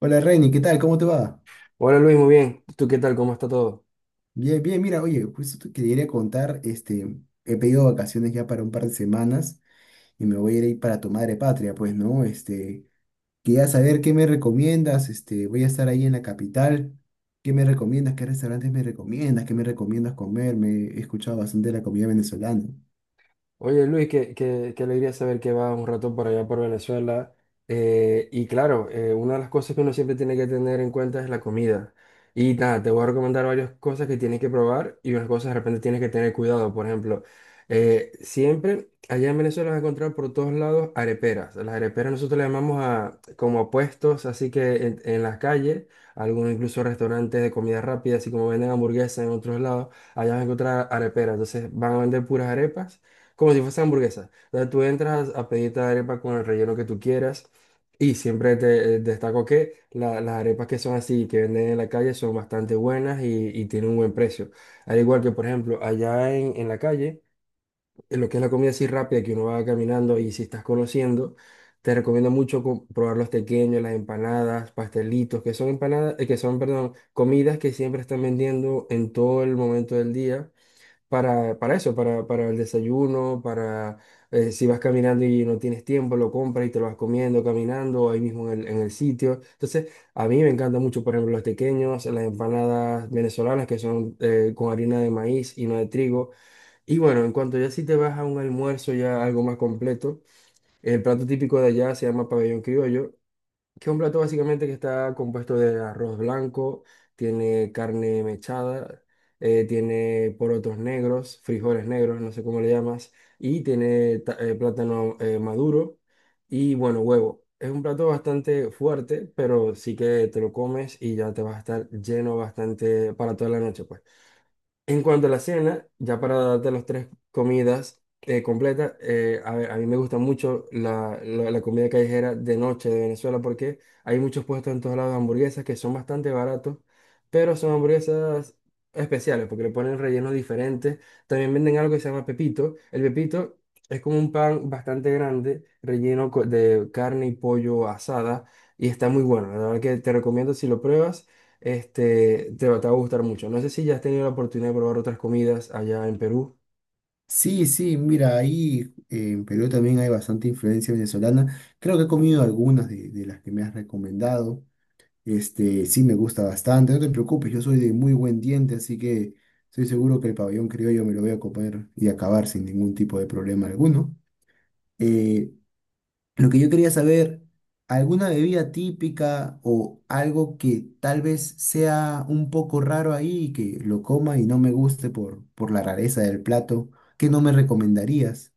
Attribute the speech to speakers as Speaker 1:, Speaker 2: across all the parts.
Speaker 1: Hola Reini, ¿qué tal? ¿Cómo te va?
Speaker 2: Hola Luis, muy bien. ¿Tú qué tal? ¿Cómo está todo?
Speaker 1: Bien, bien, mira, oye, justo te quería contar, he pedido vacaciones ya para un par de semanas y me voy a ir ahí para tu madre patria, pues, ¿no? Quería saber qué me recomiendas, voy a estar ahí en la capital. ¿Qué me recomiendas? ¿Qué restaurantes me recomiendas? ¿Qué me recomiendas comer? Me he escuchado bastante de la comida venezolana.
Speaker 2: Oye, Luis, qué alegría saber que vas un rato por allá por Venezuela. Y claro, una de las cosas que uno siempre tiene que tener en cuenta es la comida. Y nada, te voy a recomendar varias cosas que tienes que probar y unas cosas de repente tienes que tener cuidado. Por ejemplo, siempre allá en Venezuela vas a encontrar por todos lados areperas. Las areperas nosotros le llamamos a, como a puestos, así que en las calles, algunos incluso restaurantes de comida rápida, así como venden hamburguesas en otros lados, allá vas a encontrar areperas. Entonces van a vender puras arepas como si fuese hamburguesa. O sea, tú entras a pedirte arepa con el relleno que tú quieras y siempre te destaco que las arepas que son así, que venden en la calle, son bastante buenas y tienen un buen precio. Al igual que, por ejemplo, allá en la calle, en lo que es la comida así rápida que uno va caminando y si estás conociendo, te recomiendo mucho probar los tequeños, las empanadas, pastelitos, que son empanadas, que son, perdón, comidas que siempre están vendiendo en todo el momento del día para eso, para el desayuno, para si vas caminando y no tienes tiempo, lo compras y te lo vas comiendo caminando ahí mismo en en el sitio. Entonces, a mí me encantan mucho, por ejemplo, los tequeños, las empanadas venezolanas que son con harina de maíz y no de trigo. Y bueno, en cuanto ya si te vas a un almuerzo ya algo más completo, el plato típico de allá se llama pabellón criollo, que es un plato básicamente que está compuesto de arroz blanco, tiene carne mechada, tiene porotos negros, frijoles negros, no sé cómo le llamas, y tiene plátano maduro y bueno, huevo. Es un plato bastante fuerte, pero sí que te lo comes y ya te vas a estar lleno bastante para toda la noche, pues. En cuanto a la cena, ya para darte las tres comidas completas, a ver, a mí me gusta mucho la comida callejera de noche de Venezuela porque hay muchos puestos en todos lados de hamburguesas que son bastante baratos, pero son hamburguesas especiales porque le ponen rellenos diferentes. También venden algo que se llama pepito. El pepito es como un pan bastante grande, de carne y pollo asada y está muy bueno. La verdad que te recomiendo si lo pruebas. Este, te va a gustar mucho. No sé si ya has tenido la oportunidad de probar otras comidas allá en Perú.
Speaker 1: Sí, sí, mira, ahí en Perú también hay bastante influencia venezolana. Creo que he comido algunas de las que me has recomendado. Sí me gusta bastante, no te preocupes, yo soy de muy buen diente, así que estoy seguro que el pabellón criollo me lo voy a comer y acabar sin ningún tipo de problema alguno. Eh, lo que yo quería saber, ¿alguna bebida típica o algo que tal vez sea un poco raro ahí y que lo coma y no me guste por la rareza del plato? ¿Qué no me recomendarías?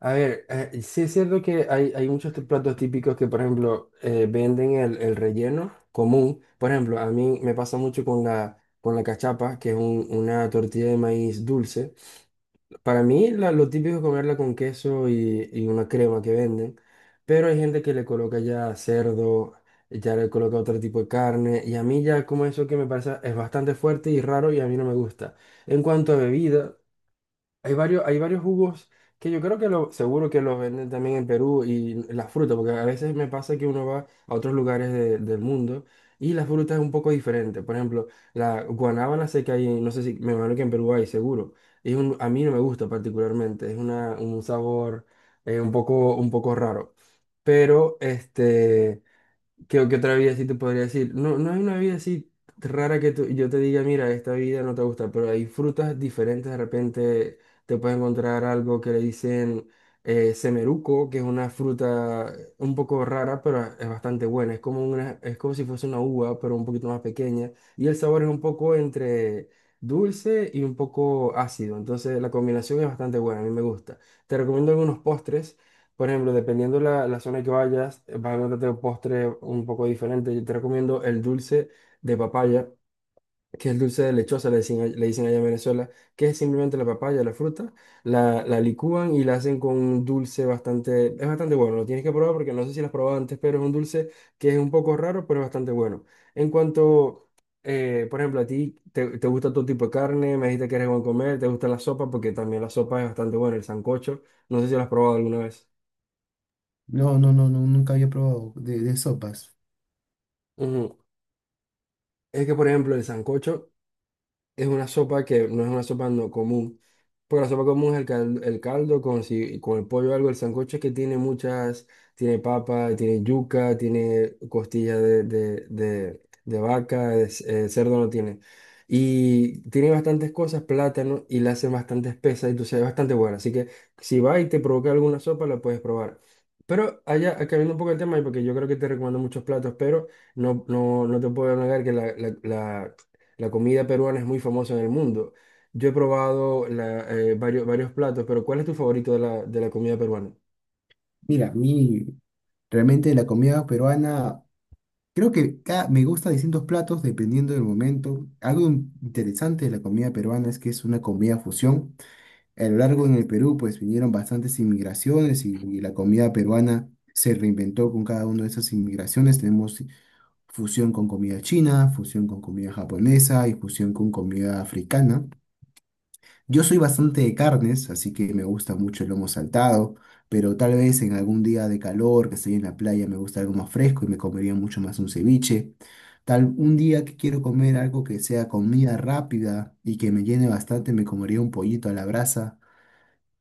Speaker 2: A ver, sí es cierto que hay muchos platos típicos que, por ejemplo, venden el relleno común. Por ejemplo, a mí me pasa mucho con con la cachapa, que es una tortilla de maíz dulce. Para mí, lo típico es comerla con queso y una crema que venden, pero hay gente que le coloca ya cerdo, ya le coloca otro tipo de carne, y a mí ya como eso que me parece es bastante fuerte y raro y a mí no me gusta. En cuanto a bebidas, hay varios jugos que yo creo que seguro que los venden también en Perú y las frutas porque a veces me pasa que uno va a otros lugares del mundo y la fruta es un poco diferente. Por ejemplo, la guanábana sé que hay, no sé si, me imagino que en Perú hay, seguro. Es un, a mí no me gusta particularmente, es una, un sabor un poco raro. Pero este, ¿qué, qué otra vida sí te podría decir? No, no hay una vida así rara que yo te diga, mira, esta vida no te gusta, pero hay frutas diferentes. De repente te puedes encontrar algo que le dicen semeruco, que es una fruta un poco rara, pero es bastante buena. Es como una, es como si fuese una uva, pero un poquito más pequeña. Y el sabor es un poco entre dulce y un poco ácido. Entonces la combinación es bastante buena, a mí me gusta. Te recomiendo algunos postres. Por ejemplo, dependiendo la zona que vayas, vas a encontrarte un postre un poco diferente. Yo te recomiendo el dulce de papaya, que es el dulce de lechosa, le dicen, le dicen allá en Venezuela, que es simplemente la papaya, la fruta, la licúan y la hacen con un dulce bastante, es bastante bueno. Lo tienes que probar porque no sé si lo has probado antes, pero es un dulce que es un poco raro, pero es bastante bueno. En cuanto, por ejemplo, a ti, te gusta todo tipo de carne, me dijiste que eres buen comer, te gusta la sopa, porque también la sopa es bastante buena, el sancocho, no sé si lo has probado alguna vez.
Speaker 1: No, no, no, no, nunca había probado de sopas.
Speaker 2: Ujú. Es que, por ejemplo, el sancocho es una sopa que no es una sopa no común. Porque la sopa común es el caldo con, si, con el pollo o algo. El sancocho es que tiene muchas, tiene papa, tiene yuca, tiene costilla de vaca, cerdo no tiene. Y tiene bastantes cosas, plátano, y la hace bastante espesa, entonces es bastante buena. Así que si va y te provoca alguna sopa, la puedes probar. Pero allá, cambiando un poco el tema, y porque yo creo que te recomiendo muchos platos, pero... No, no, no te puedo negar que la, la comida peruana es muy famosa en el mundo. Yo he probado varios platos, pero ¿cuál es tu favorito de de la comida peruana?
Speaker 1: Mira, a mí realmente la comida peruana. Creo que me gusta distintos platos dependiendo del momento. Algo interesante de la comida peruana es que es una comida fusión. A lo largo en el Perú, pues vinieron bastantes inmigraciones y la comida peruana se reinventó con cada una de esas inmigraciones. Tenemos fusión con comida china, fusión con comida japonesa y fusión con comida africana. Yo soy bastante de carnes, así que me gusta mucho el lomo saltado, pero tal vez en algún día de calor, que estoy en la playa, me gusta algo más fresco y me comería mucho más un ceviche. Tal un día que quiero comer algo que sea comida rápida y que me llene bastante, me comería un pollito a la brasa.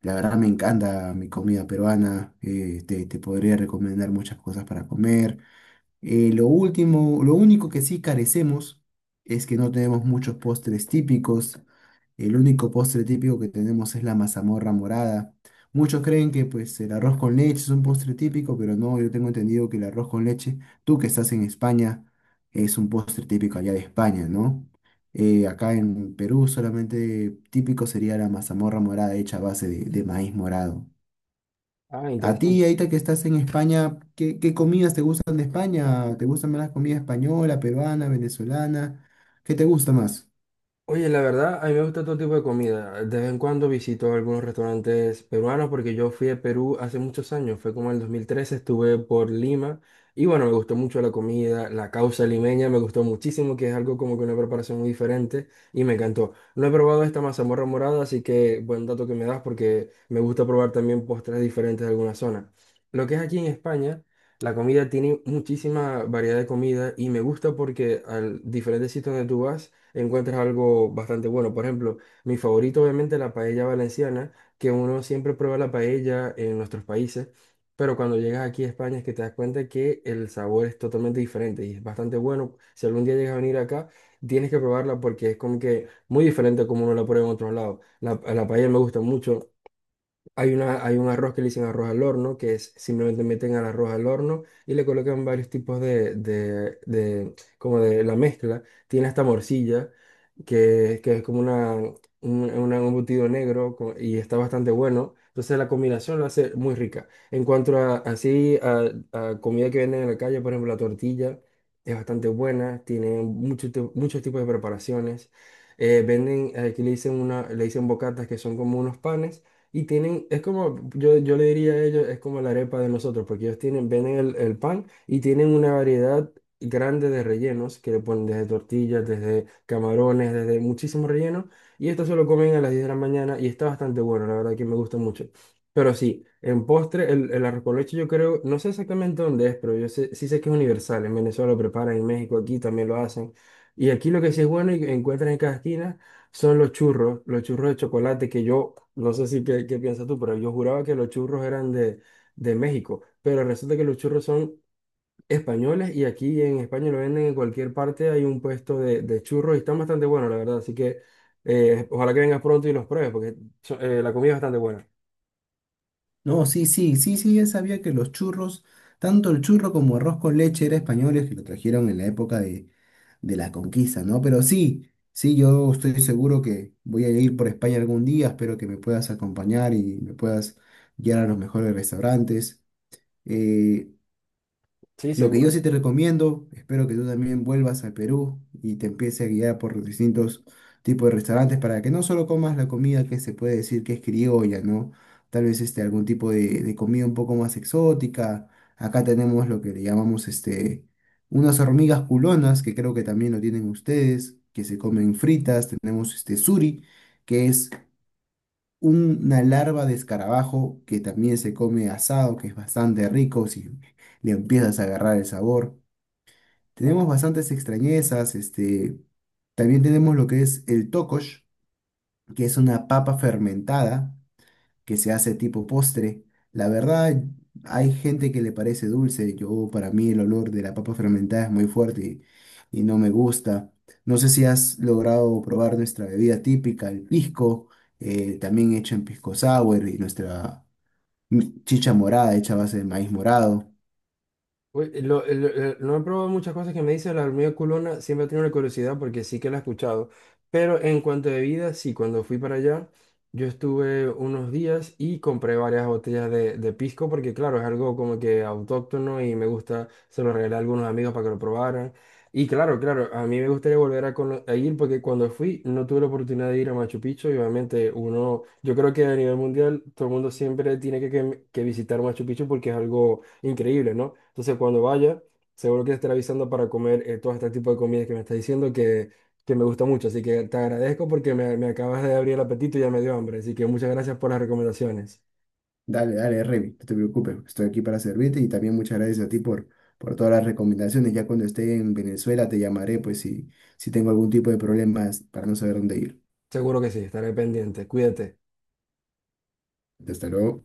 Speaker 1: La verdad me encanta mi comida peruana. Te podría recomendar muchas cosas para comer. Lo único que sí carecemos es que no tenemos muchos postres típicos. El único postre típico que tenemos es la mazamorra morada. Muchos creen que pues el arroz con leche es un postre típico, pero no, yo tengo entendido que el arroz con leche, tú que estás en España, es un postre típico allá de España, ¿no? Acá en Perú solamente típico sería la mazamorra morada hecha a base de maíz morado.
Speaker 2: Ah,
Speaker 1: A ti,
Speaker 2: interesante.
Speaker 1: ahorita que estás en España, ¿qué, qué comidas te gustan de España? ¿Te gustan más la comida española, peruana, venezolana? ¿Qué te gusta más?
Speaker 2: Oye, la verdad, a mí me gusta todo tipo de comida. De vez en cuando visito algunos restaurantes peruanos porque yo fui a Perú hace muchos años, fue como en el 2013. Estuve por Lima y bueno, me gustó mucho la comida, la causa limeña me gustó muchísimo, que es algo como que una preparación muy diferente y me encantó. No he probado esta mazamorra morada, así que buen dato que me das porque me gusta probar también postres diferentes de alguna zona. Lo que es aquí en España, la comida tiene muchísima variedad de comida y me gusta porque al diferentes sitios donde tú vas, encuentras algo bastante bueno. Por ejemplo, mi favorito obviamente es la paella valenciana, que uno siempre prueba la paella en nuestros países, pero cuando llegas aquí a España es que te das cuenta que el sabor es totalmente diferente y es bastante bueno. Si algún día llegas a venir acá, tienes que probarla porque es como que muy diferente a como uno la prueba en otros lados. A la paella me gusta mucho. Hay un arroz que le dicen arroz al horno, que es simplemente meten al arroz al horno y le colocan varios tipos como de la mezcla. Tiene hasta morcilla, que es como una, un embutido y está bastante bueno. Entonces la combinación lo hace muy rica. En cuanto a así, a comida que venden en la calle, por ejemplo, la tortilla es bastante buena, tiene muchos tipos de preparaciones. Venden, aquí le dicen, una, le dicen bocatas que son como unos panes y tienen, es como, yo le diría a ellos, es como la arepa de nosotros, porque ellos tienen, venden el pan y tienen una variedad grande de rellenos que le ponen desde tortillas, desde camarones, desde muchísimos rellenos. Y esto se lo comen a las 10 de la mañana y está bastante bueno, la verdad que me gusta mucho. Pero sí, en postre, el arroz con leche yo creo, no sé exactamente dónde es, pero yo sé, sí sé que es universal. En Venezuela lo preparan, en México aquí también lo hacen. Y aquí lo que sí es bueno y que encuentran en cada esquina son los churros de chocolate que yo, no sé si qué, qué piensas tú, pero yo juraba que los churros eran de México, pero resulta que los churros son españoles y aquí en España lo venden en cualquier parte, hay un puesto de churros y están bastante buenos, la verdad, así que ojalá que vengas pronto y los pruebes, porque la comida es bastante buena.
Speaker 1: No, sí, sí, sí, sí, ya sabía que los churros, tanto el churro como arroz con leche era españoles que lo trajeron en la época de la conquista, ¿no? Pero sí, sí, yo estoy seguro que voy a ir por España algún día, espero que me puedas acompañar y me puedas guiar a los mejores restaurantes. Eh,
Speaker 2: Sí,
Speaker 1: Lo que
Speaker 2: seguro.
Speaker 1: yo sí te recomiendo, espero que tú también vuelvas al Perú y te empieces a guiar por los distintos tipos de restaurantes para que no solo comas la comida que se puede decir que es criolla, ¿no? Tal vez algún tipo de comida un poco más exótica. Acá tenemos lo que le llamamos unas hormigas culonas, que creo que también lo tienen ustedes, que se comen fritas. Tenemos este suri, que es una larva de escarabajo que también se come asado, que es bastante rico si le empiezas a agarrar el sabor. Tenemos bastantes extrañezas. También tenemos lo que es el tocosh, que es una papa fermentada que se hace tipo postre. La verdad, hay gente que le parece dulce, yo para mí el olor de la papa fermentada es muy fuerte y no me gusta. No sé si has logrado probar nuestra bebida típica, el pisco, también hecho en pisco sour y nuestra chicha morada hecha a base de maíz morado.
Speaker 2: Uy, no he probado muchas cosas que me dice la hormiga culona, siempre he tenido la curiosidad porque sí que la he escuchado, pero en cuanto a bebidas, sí, cuando fui para allá, yo estuve unos días y compré varias botellas de pisco porque claro, es algo como que autóctono y me gusta, se lo regalé a algunos amigos para que lo probaran. Y claro, claro, a mí me gustaría volver a, a ir porque cuando fui no tuve la oportunidad de ir a Machu Picchu y obviamente uno, yo creo que a nivel mundial todo el mundo siempre tiene que visitar Machu Picchu porque es algo increíble, ¿no? Entonces, cuando vaya, seguro que te estaré avisando para comer todo este tipo de comidas que me estás diciendo que me gusta mucho. Así que te agradezco porque me acabas de abrir el apetito y ya me dio hambre. Así que muchas gracias por las recomendaciones.
Speaker 1: Dale, dale, Remy, no te preocupes, estoy aquí para servirte y también muchas gracias a ti por todas las recomendaciones. Ya cuando esté en Venezuela te llamaré, pues si tengo algún tipo de problemas para no saber dónde ir.
Speaker 2: Seguro que sí, estaré pendiente. Cuídate.
Speaker 1: Hasta luego.